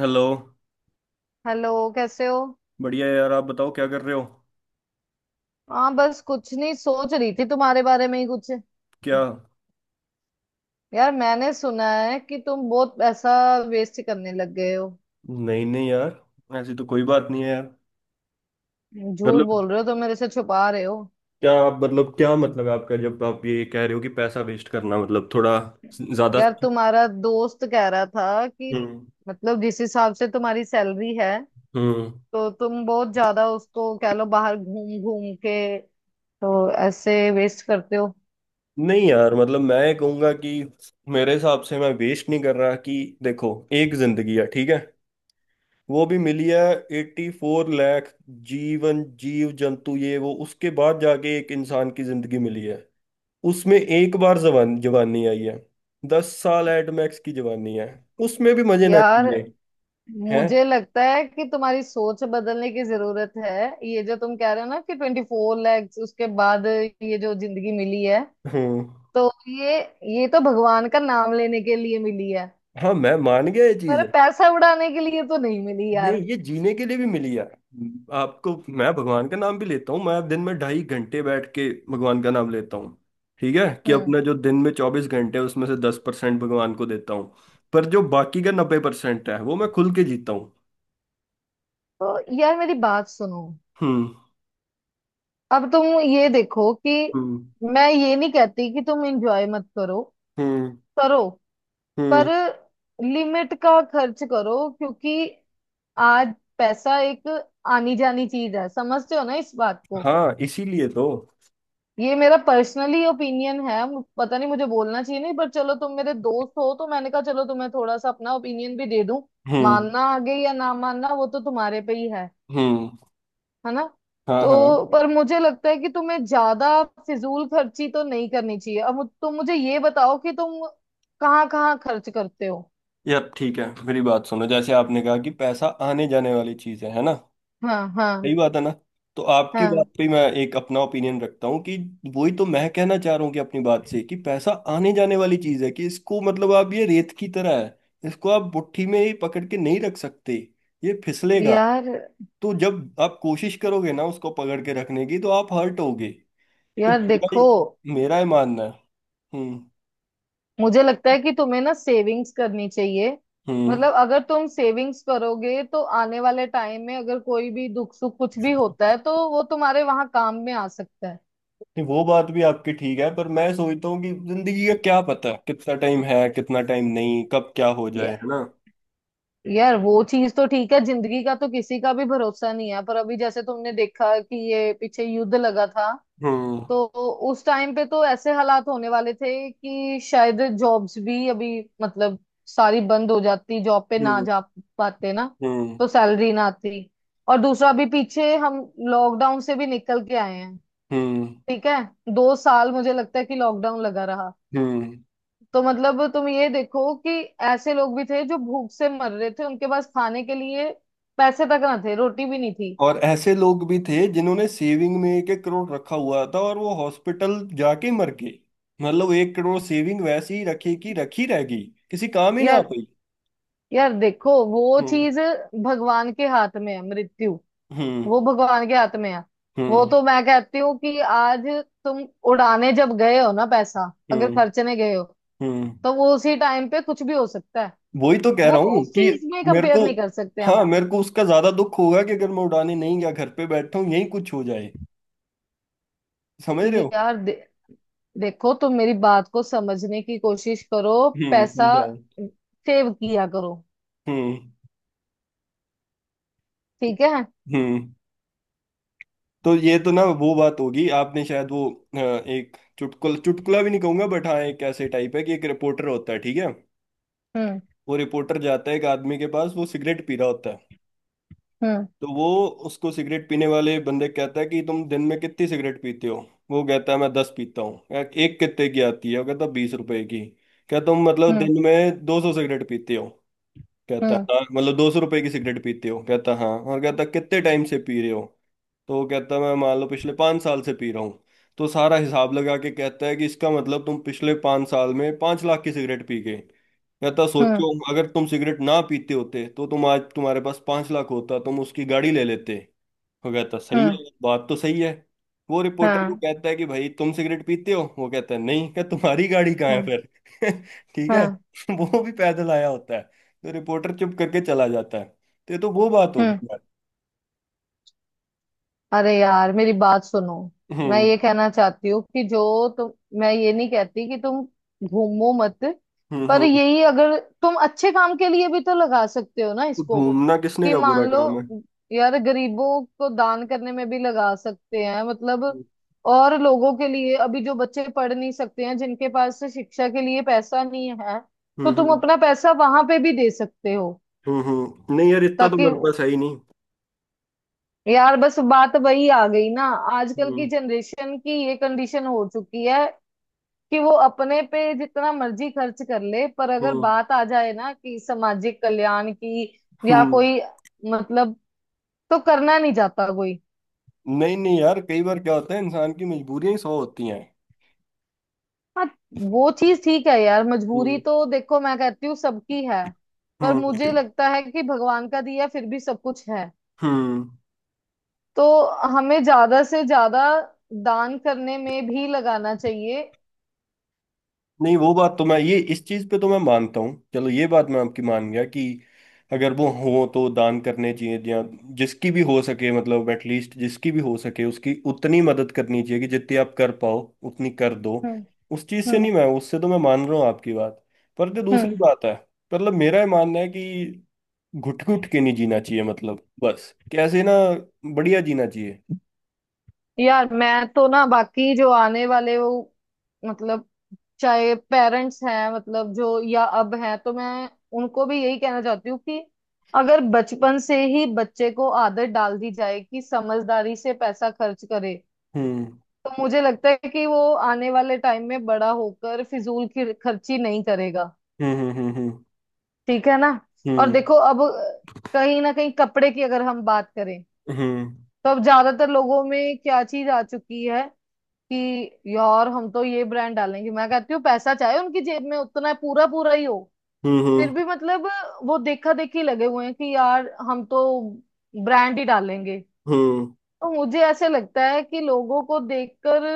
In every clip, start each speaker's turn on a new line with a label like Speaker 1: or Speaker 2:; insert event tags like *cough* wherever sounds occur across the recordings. Speaker 1: Hello.
Speaker 2: Hello. कैसे हो?
Speaker 1: बढ़िया यार, आप बताओ क्या कर रहे हो?
Speaker 2: हाँ, बस कुछ नहीं, सोच रही थी तुम्हारे बारे में ही कुछ।
Speaker 1: क्या?
Speaker 2: यार मैंने सुना है कि तुम बहुत पैसा वेस्ट करने लग गए हो।
Speaker 1: नहीं नहीं यार, ऐसी तो कोई बात नहीं है यार।
Speaker 2: झूठ
Speaker 1: मतलब
Speaker 2: बोल रहे हो तो मेरे से छुपा रहे हो।
Speaker 1: क्या मतलब आपका जब आप ये कह रहे हो कि पैसा वेस्ट करना, मतलब थोड़ा ज्यादा?
Speaker 2: यार, तुम्हारा दोस्त कह रहा था कि
Speaker 1: हम्म।
Speaker 2: मतलब जिस हिसाब से तुम्हारी सैलरी है
Speaker 1: हम्म।
Speaker 2: तो तुम बहुत ज्यादा, उसको कह लो, बाहर घूम घूम के तो ऐसे वेस्ट करते हो।
Speaker 1: नहीं यार, मतलब मैं ये कहूंगा कि मेरे हिसाब से मैं वेस्ट नहीं कर रहा कि देखो, एक जिंदगी है, ठीक है। वो भी मिली है। 84 लाख जीवन जीव जंतु ये वो उसके बाद जाके एक इंसान की जिंदगी मिली है। उसमें एक बार जवान जवानी आई है। 10 साल एट मैक्स की जवानी है। उसमें भी मजे ना
Speaker 2: यार,
Speaker 1: किए हैं।
Speaker 2: मुझे लगता है कि तुम्हारी सोच बदलने की जरूरत है। ये जो तुम कह रहे हो ना कि 24 लाख उसके बाद ये जो जिंदगी मिली है
Speaker 1: हम्म।
Speaker 2: तो ये तो भगवान का नाम लेने के लिए मिली है,
Speaker 1: हाँ मैं मान गया ये चीज।
Speaker 2: पर पैसा उड़ाने के लिए तो नहीं मिली
Speaker 1: नहीं
Speaker 2: यार।
Speaker 1: ये जीने के लिए भी मिली है। आपको, मैं भगवान का नाम भी लेता हूँ, मैं दिन में 2.5 घंटे बैठ के भगवान का नाम लेता हूँ। ठीक है कि
Speaker 2: हम्म।
Speaker 1: अपना जो दिन में 24 घंटे है उसमें से 10% भगवान को देता हूँ। पर जो बाकी का 90% है वो मैं खुल के जीता हूँ।
Speaker 2: तो यार मेरी बात सुनो।
Speaker 1: हम्म।
Speaker 2: अब तुम ये देखो कि
Speaker 1: हम्म।
Speaker 2: मैं ये नहीं कहती कि तुम एंजॉय मत करो,
Speaker 1: हम्म।
Speaker 2: करो, पर
Speaker 1: हम्म।
Speaker 2: लिमिट का खर्च करो, क्योंकि आज पैसा एक आनी जानी चीज है, समझते हो ना इस बात को?
Speaker 1: हाँ इसीलिए तो।
Speaker 2: ये मेरा पर्सनली ओपिनियन है, पता नहीं मुझे बोलना चाहिए नहीं, पर चलो तुम मेरे दोस्त हो तो मैंने कहा चलो तुम्हें थोड़ा सा अपना ओपिनियन भी दे दूं।
Speaker 1: हम्म।
Speaker 2: मानना आगे या ना मानना वो तो तुम्हारे पे ही है
Speaker 1: हम्म।
Speaker 2: है ना?
Speaker 1: हाँ हाँ।
Speaker 2: तो पर मुझे लगता है कि तुम्हें ज्यादा फिजूल खर्ची तो नहीं करनी चाहिए। अब तुम मुझे ये बताओ कि तुम कहाँ कहाँ खर्च करते हो?
Speaker 1: यार ठीक है, मेरी बात सुनो। जैसे आपने कहा कि पैसा आने जाने वाली चीज है ना?
Speaker 2: हाँ, हाँ,
Speaker 1: सही बात है ना। तो आपकी बात
Speaker 2: हाँ।
Speaker 1: पे मैं एक अपना ओपिनियन रखता हूँ कि वही तो मैं कहना चाह रहा हूँ कि अपनी बात से कि पैसा आने जाने वाली चीज है, कि इसको मतलब आप, ये रेत की तरह है, इसको आप मुट्ठी में ही पकड़ के नहीं रख सकते। ये फिसलेगा।
Speaker 2: यार,
Speaker 1: तो जब आप कोशिश करोगे ना उसको पकड़ के रखने की तो आप हर्ट होगे। तो
Speaker 2: यार
Speaker 1: मेरा
Speaker 2: देखो,
Speaker 1: मेरा ही मानना है। हम्म।
Speaker 2: मुझे लगता है कि तुम्हें ना सेविंग्स करनी चाहिए।
Speaker 1: हम्म।
Speaker 2: मतलब अगर तुम सेविंग्स करोगे तो आने वाले टाइम में अगर कोई भी दुख सुख कुछ भी होता है तो वो तुम्हारे वहां काम में आ सकता है।
Speaker 1: नहीं वो बात भी आपकी ठीक है, पर मैं सोचता हूँ कि जिंदगी का क्या पता कितना टाइम है, कितना टाइम नहीं, कब क्या हो जाए,
Speaker 2: या,
Speaker 1: है ना?
Speaker 2: यार, वो चीज तो ठीक है, जिंदगी का तो किसी का भी भरोसा नहीं है, पर अभी जैसे तुमने देखा कि ये पीछे युद्ध लगा था
Speaker 1: हम्म।
Speaker 2: तो उस टाइम पे तो ऐसे हालात होने वाले थे कि शायद जॉब्स भी अभी मतलब सारी बंद हो जाती, जॉब पे ना
Speaker 1: हम्म।
Speaker 2: जा पाते ना,
Speaker 1: हम्म।
Speaker 2: तो सैलरी ना आती। और दूसरा भी पीछे हम लॉकडाउन से भी निकल के आए हैं।
Speaker 1: हम्म।
Speaker 2: ठीक है, 2 साल मुझे लगता है कि लॉकडाउन लगा रहा।
Speaker 1: हम्म।
Speaker 2: तो मतलब तुम ये देखो कि ऐसे लोग भी थे जो भूख से मर रहे थे, उनके पास खाने के लिए पैसे तक ना थे, रोटी भी नहीं थी।
Speaker 1: और ऐसे लोग भी थे जिन्होंने सेविंग में एक एक करोड़ रखा हुआ था और वो हॉस्पिटल जाके मर गए। मतलब 1 करोड़ सेविंग वैसी ही रखी कि रखी रह गई, किसी काम ही ना आ
Speaker 2: यार,
Speaker 1: पाई।
Speaker 2: यार देखो, वो
Speaker 1: हम्म।
Speaker 2: चीज भगवान के हाथ में है, मृत्यु,
Speaker 1: हम्म।
Speaker 2: वो भगवान के हाथ में है। वो
Speaker 1: हम्म।
Speaker 2: तो मैं कहती हूँ कि आज तुम उड़ाने जब गए हो ना पैसा, अगर
Speaker 1: हम्म।
Speaker 2: खर्चने गए हो,
Speaker 1: हम्म।
Speaker 2: तो वो उसी टाइम पे कुछ भी हो सकता है।
Speaker 1: वही तो कह
Speaker 2: वो
Speaker 1: रहा हूँ
Speaker 2: उस
Speaker 1: कि
Speaker 2: चीज में
Speaker 1: मेरे
Speaker 2: कंपेयर
Speaker 1: को,
Speaker 2: नहीं कर सकते
Speaker 1: हाँ
Speaker 2: हम।
Speaker 1: मेरे को उसका ज्यादा दुख होगा कि अगर मैं उड़ाने नहीं गया, घर पे बैठा हूँ यही कुछ हो जाए। समझ रहे
Speaker 2: ये
Speaker 1: हो?
Speaker 2: यार देखो, तुम मेरी बात को समझने की कोशिश करो,
Speaker 1: हम्म,
Speaker 2: पैसा
Speaker 1: समझाओ।
Speaker 2: सेव किया करो,
Speaker 1: हम्म।
Speaker 2: ठीक है?
Speaker 1: हम्म। तो ये तो ना वो बात होगी, आपने शायद वो एक चुटकुला चुटकुला भी नहीं कहूंगा, बट हाँ एक ऐसे टाइप है कि एक रिपोर्टर होता है, ठीक है।
Speaker 2: हम्म।
Speaker 1: वो रिपोर्टर जाता है एक आदमी के पास, वो सिगरेट पी रहा होता है।
Speaker 2: हम्म।
Speaker 1: तो वो उसको, सिगरेट पीने वाले बंदे कहता है कि तुम दिन में कितनी सिगरेट पीते हो? वो कहता है मैं 10 पीता हूँ। कहा, एक कितने की आती है? वो कहता 20 रुपए की। क्या तुम मतलब
Speaker 2: हम्म।
Speaker 1: दिन में 200 सिगरेट पीते हो? कहता
Speaker 2: हम्म।
Speaker 1: हाँ। मतलब 200 रुपए की सिगरेट पीते हो? कहता हाँ। और कहता कितने टाइम से पी रहे हो? तो वो कहता है मैं मान लो पिछले 5 साल से पी रहा हूँ। तो सारा हिसाब लगा के कहता है कि इसका मतलब तुम पिछले 5 साल में 5 लाख की सिगरेट पी गए। कहता
Speaker 2: हम्म।
Speaker 1: सोचो, अगर तुम सिगरेट ना पीते होते तो तुम आज, तुम्हारे पास 5 लाख होता, तुम उसकी गाड़ी ले लेते। वो कहता सही
Speaker 2: हम्म।
Speaker 1: है, बात तो सही है। वो रिपोर्टर को
Speaker 2: हाँ,
Speaker 1: कहता है कि भाई तुम सिगरेट पीते हो? वो कहता है नहीं। क्या? तुम्हारी गाड़ी कहाँ है
Speaker 2: हाँ,
Speaker 1: फिर? *laughs* ठीक है।
Speaker 2: हाँ,
Speaker 1: *laughs* वो भी पैदल आया होता है। तो रिपोर्टर चुप करके चला जाता है। तो ये तो वो बात होगी
Speaker 2: हाँ।
Speaker 1: यार।
Speaker 2: अरे यार मेरी बात सुनो। मैं
Speaker 1: हम्म।
Speaker 2: ये कहना चाहती हूँ कि जो तुम, मैं ये नहीं कहती कि तुम घूमो मत,
Speaker 1: हम्म।
Speaker 2: पर
Speaker 1: हम्म।
Speaker 2: यही अगर तुम अच्छे काम के लिए भी तो लगा सकते हो ना इसको,
Speaker 1: घूमना किसने
Speaker 2: कि
Speaker 1: का
Speaker 2: मान
Speaker 1: बुरा
Speaker 2: लो,
Speaker 1: काम है?
Speaker 2: यार गरीबों को दान करने में भी लगा सकते हैं, मतलब और लोगों के लिए, अभी जो बच्चे पढ़ नहीं सकते हैं जिनके पास से शिक्षा के लिए पैसा नहीं है तो
Speaker 1: हम्म।
Speaker 2: तुम
Speaker 1: हम्म।
Speaker 2: अपना पैसा वहां पे भी दे सकते हो,
Speaker 1: हम्म। हम्म। नहीं यार, इतना तो
Speaker 2: ताकि...
Speaker 1: मेरे पास है ही नहीं।
Speaker 2: यार बस बात वही आ गई ना। आजकल की
Speaker 1: हम्म।
Speaker 2: जनरेशन की ये कंडीशन हो चुकी है कि वो अपने पे जितना मर्जी खर्च कर ले, पर अगर
Speaker 1: हम्म।
Speaker 2: बात आ जाए ना कि सामाजिक कल्याण की या
Speaker 1: हम्म।
Speaker 2: कोई, मतलब, तो करना नहीं चाहता कोई।
Speaker 1: नहीं नहीं यार, कई बार क्या होता है इंसान की मजबूरियां ही सौ होती हैं।
Speaker 2: हाँ, वो चीज ठीक है यार, मजबूरी
Speaker 1: हम्म।
Speaker 2: तो देखो मैं कहती हूँ सबकी है, पर मुझे
Speaker 1: हम्म।
Speaker 2: लगता है कि भगवान का दिया फिर भी सब कुछ है,
Speaker 1: हम्म।
Speaker 2: तो हमें ज्यादा से ज्यादा दान करने में भी लगाना चाहिए।
Speaker 1: नहीं वो बात तो मैं, ये इस चीज पे तो मैं मानता हूँ। चलो ये बात मैं आपकी मान गया कि अगर वो हो तो दान करने चाहिए या जिसकी भी हो सके, मतलब एटलीस्ट जिसकी भी हो सके उसकी उतनी मदद करनी चाहिए कि जितनी आप कर पाओ उतनी कर दो।
Speaker 2: हम्म।
Speaker 1: उस चीज से नहीं, मैं उससे तो मैं मान रहा हूँ आपकी बात। पर जो दूसरी
Speaker 2: हम्म।
Speaker 1: बात है, मतलब मेरा ये मानना है कि घुट घुट के नहीं जीना चाहिए, मतलब बस कैसे ना बढ़िया जीना चाहिए।
Speaker 2: यार, मैं तो ना, बाकी जो आने वाले, वो मतलब चाहे पेरेंट्स हैं, मतलब जो या अब हैं, तो मैं उनको भी यही कहना चाहती हूँ कि अगर बचपन से ही बच्चे को आदत डाल दी जाए कि समझदारी से पैसा खर्च करे
Speaker 1: हम्म।
Speaker 2: तो मुझे लगता है कि वो आने वाले टाइम में बड़ा होकर फिजूल की खर्ची नहीं करेगा।
Speaker 1: हम्म। हम्म। हम्म।
Speaker 2: ठीक है ना? और
Speaker 1: हम्म।
Speaker 2: देखो अब, कहीं ना कहीं कपड़े की अगर हम बात करें
Speaker 1: हम्म। हम्म।
Speaker 2: तो अब ज्यादातर लोगों में क्या चीज आ चुकी है कि यार हम तो ये ब्रांड डालेंगे। मैं कहती हूँ पैसा चाहे उनकी जेब में उतना पूरा पूरा ही हो,
Speaker 1: हम्म।
Speaker 2: फिर
Speaker 1: हम्म।
Speaker 2: भी मतलब वो देखा देखी लगे हुए हैं कि यार हम तो ब्रांड ही डालेंगे।
Speaker 1: हम्म,
Speaker 2: तो मुझे ऐसे लगता है कि लोगों को देखकर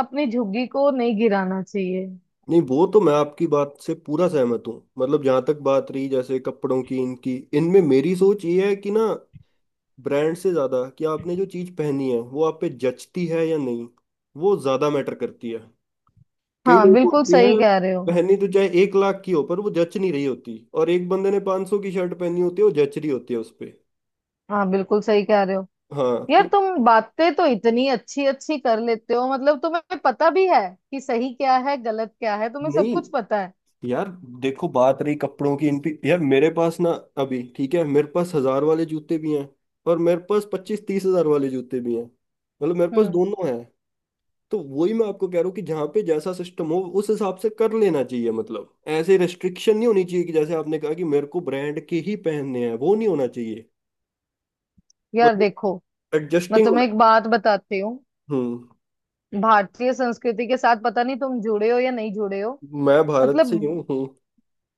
Speaker 2: अपनी झुग्गी को नहीं गिराना चाहिए।
Speaker 1: नहीं वो तो मैं आपकी बात से पूरा सहमत हूँ। मतलब जहां तक बात रही जैसे कपड़ों की, इनकी, इनमें मेरी सोच ये है कि ना, ब्रांड से ज्यादा कि आपने जो चीज पहनी है वो आप पे जचती है या नहीं, वो ज्यादा मैटर करती है। कई
Speaker 2: हाँ,
Speaker 1: लोग
Speaker 2: बिल्कुल
Speaker 1: होते हैं
Speaker 2: सही कह रहे हो।
Speaker 1: पहनी तो चाहे 1 लाख की हो पर वो जच नहीं रही होती, और एक बंदे ने 500 सौ की शर्ट पहनी होती है वो जच रही होती है उस पे।
Speaker 2: हाँ, बिल्कुल सही कह रहे हो।
Speaker 1: हाँ
Speaker 2: यार
Speaker 1: तो
Speaker 2: तुम बातें तो इतनी अच्छी अच्छी कर लेते हो, मतलब तुम्हें पता भी है कि सही क्या है गलत क्या है, तुम्हें सब
Speaker 1: नहीं
Speaker 2: कुछ पता है।
Speaker 1: यार देखो, बात रही कपड़ों की इन पे, यार मेरे पास ना अभी, ठीक है, मेरे पास 1000 वाले जूते भी हैं और मेरे पास 25-30 हजार वाले जूते भी हैं। मतलब मेरे पास
Speaker 2: हम्म।
Speaker 1: दोनों हैं। तो वही मैं आपको कह रहा हूँ कि जहाँ पे जैसा सिस्टम हो उस हिसाब से कर लेना चाहिए, मतलब ऐसे रिस्ट्रिक्शन नहीं होनी चाहिए कि जैसे आपने कहा कि मेरे को ब्रांड के ही पहनने हैं, वो नहीं होना चाहिए।
Speaker 2: यार
Speaker 1: मतलब
Speaker 2: देखो, मैं
Speaker 1: एडजस्टिंग होना।
Speaker 2: तुम्हें एक बात बताती हूँ।
Speaker 1: हम्म।
Speaker 2: भारतीय संस्कृति के साथ पता नहीं तुम जुड़े हो या नहीं जुड़े हो,
Speaker 1: मैं भारत
Speaker 2: मतलब।
Speaker 1: से ही हूँ।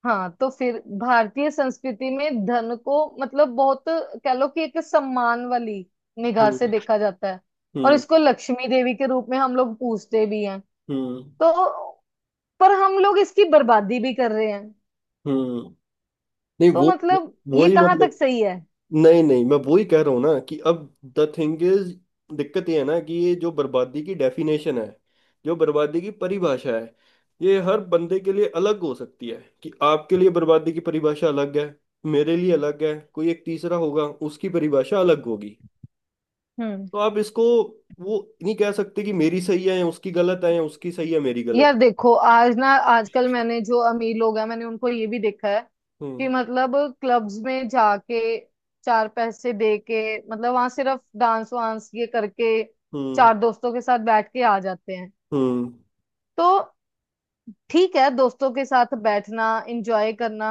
Speaker 2: हाँ, तो फिर भारतीय संस्कृति में धन को, मतलब बहुत, कह लो कि एक सम्मान वाली निगाह
Speaker 1: हम्म।
Speaker 2: से देखा जाता है, और
Speaker 1: हम्म।
Speaker 2: इसको लक्ष्मी देवी के रूप में हम लोग पूजते भी हैं,
Speaker 1: हम्म।
Speaker 2: तो पर हम लोग इसकी बर्बादी भी कर रहे हैं,
Speaker 1: हम्म। हम्म। नहीं
Speaker 2: तो मतलब ये
Speaker 1: वही
Speaker 2: कहाँ तक
Speaker 1: मतलब।
Speaker 2: सही है?
Speaker 1: नहीं नहीं, मैं वो ही कह रहा हूँ ना कि अब द थिंग इज, दिक्कत ये है ना कि ये जो बर्बादी की डेफिनेशन है, जो बर्बादी की परिभाषा है, ये हर बंदे के लिए अलग हो सकती है, कि आपके लिए बर्बादी की परिभाषा अलग है, मेरे लिए अलग है, कोई एक तीसरा होगा, उसकी परिभाषा अलग होगी।
Speaker 2: हम्म।
Speaker 1: तो आप इसको, वो नहीं कह सकते कि मेरी सही है या उसकी गलत है, या उसकी सही है मेरी गलत।
Speaker 2: यार देखो, आज ना, आजकल मैंने जो अमीर लोग हैं मैंने उनको ये भी देखा है कि
Speaker 1: हम्म।
Speaker 2: मतलब क्लब्स में जाके चार पैसे दे के मतलब वहां सिर्फ डांस वांस ये करके
Speaker 1: हम्म।
Speaker 2: चार दोस्तों के साथ बैठ के आ जाते हैं।
Speaker 1: हम्म।
Speaker 2: तो ठीक है, दोस्तों के साथ बैठना, एंजॉय करना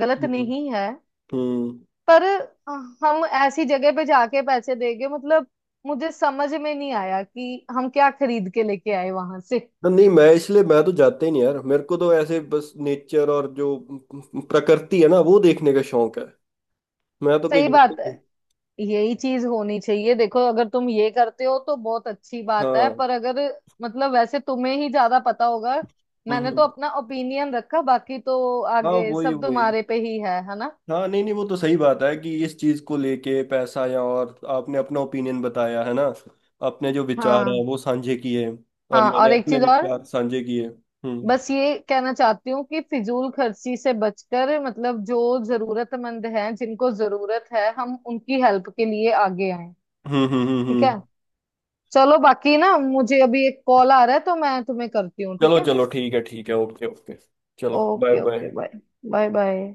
Speaker 2: गलत
Speaker 1: हम्म।
Speaker 2: नहीं है।
Speaker 1: हम्म।
Speaker 2: पर हम ऐसी जगह पे जाके पैसे देंगे, मतलब मुझे समझ में नहीं आया कि हम क्या खरीद के लेके आए वहां से।
Speaker 1: ना, नहीं, मैं इसलिए मैं तो जाते ही नहीं यार, मेरे को तो ऐसे बस नेचर और जो प्रकृति है ना वो देखने का शौक है। मैं तो कहीं
Speaker 2: सही
Speaker 1: जाता ही
Speaker 2: बात है,
Speaker 1: नहीं।
Speaker 2: यही चीज होनी चाहिए। देखो अगर तुम ये करते हो तो बहुत अच्छी बात है,
Speaker 1: हाँ।
Speaker 2: पर अगर, मतलब वैसे तुम्हें ही ज्यादा पता होगा।
Speaker 1: हम्म।
Speaker 2: मैंने तो
Speaker 1: हम्म।
Speaker 2: अपना ओपिनियन रखा, बाकी तो
Speaker 1: हाँ
Speaker 2: आगे
Speaker 1: वही
Speaker 2: सब
Speaker 1: वही।
Speaker 2: तुम्हारे पे ही है ना?
Speaker 1: हाँ नहीं नहीं, वो तो सही बात है कि इस चीज को लेके पैसा, या, और आपने अपना ओपिनियन बताया है ना, अपने जो विचार है
Speaker 2: हाँ,
Speaker 1: वो साझे किए और
Speaker 2: हाँ।
Speaker 1: मैंने
Speaker 2: और एक
Speaker 1: अपने
Speaker 2: चीज और,
Speaker 1: विचार साझे किए। हम्म।
Speaker 2: बस ये कहना चाहती हूँ कि फिजूल खर्ची से बचकर, मतलब जो जरूरतमंद हैं, जिनको जरूरत है, हम उनकी हेल्प के लिए आगे आए।
Speaker 1: हम्म। हम्म। हम्म।
Speaker 2: ठीक है?
Speaker 1: हम्म।
Speaker 2: चलो, बाकी ना, मुझे अभी एक कॉल आ रहा है तो मैं तुम्हें करती हूँ, ठीक
Speaker 1: चलो
Speaker 2: है?
Speaker 1: चलो, ठीक है ठीक है, ओके ओके। चलो bye
Speaker 2: okay, okay.
Speaker 1: Bye.
Speaker 2: Bye. Bye. Bye.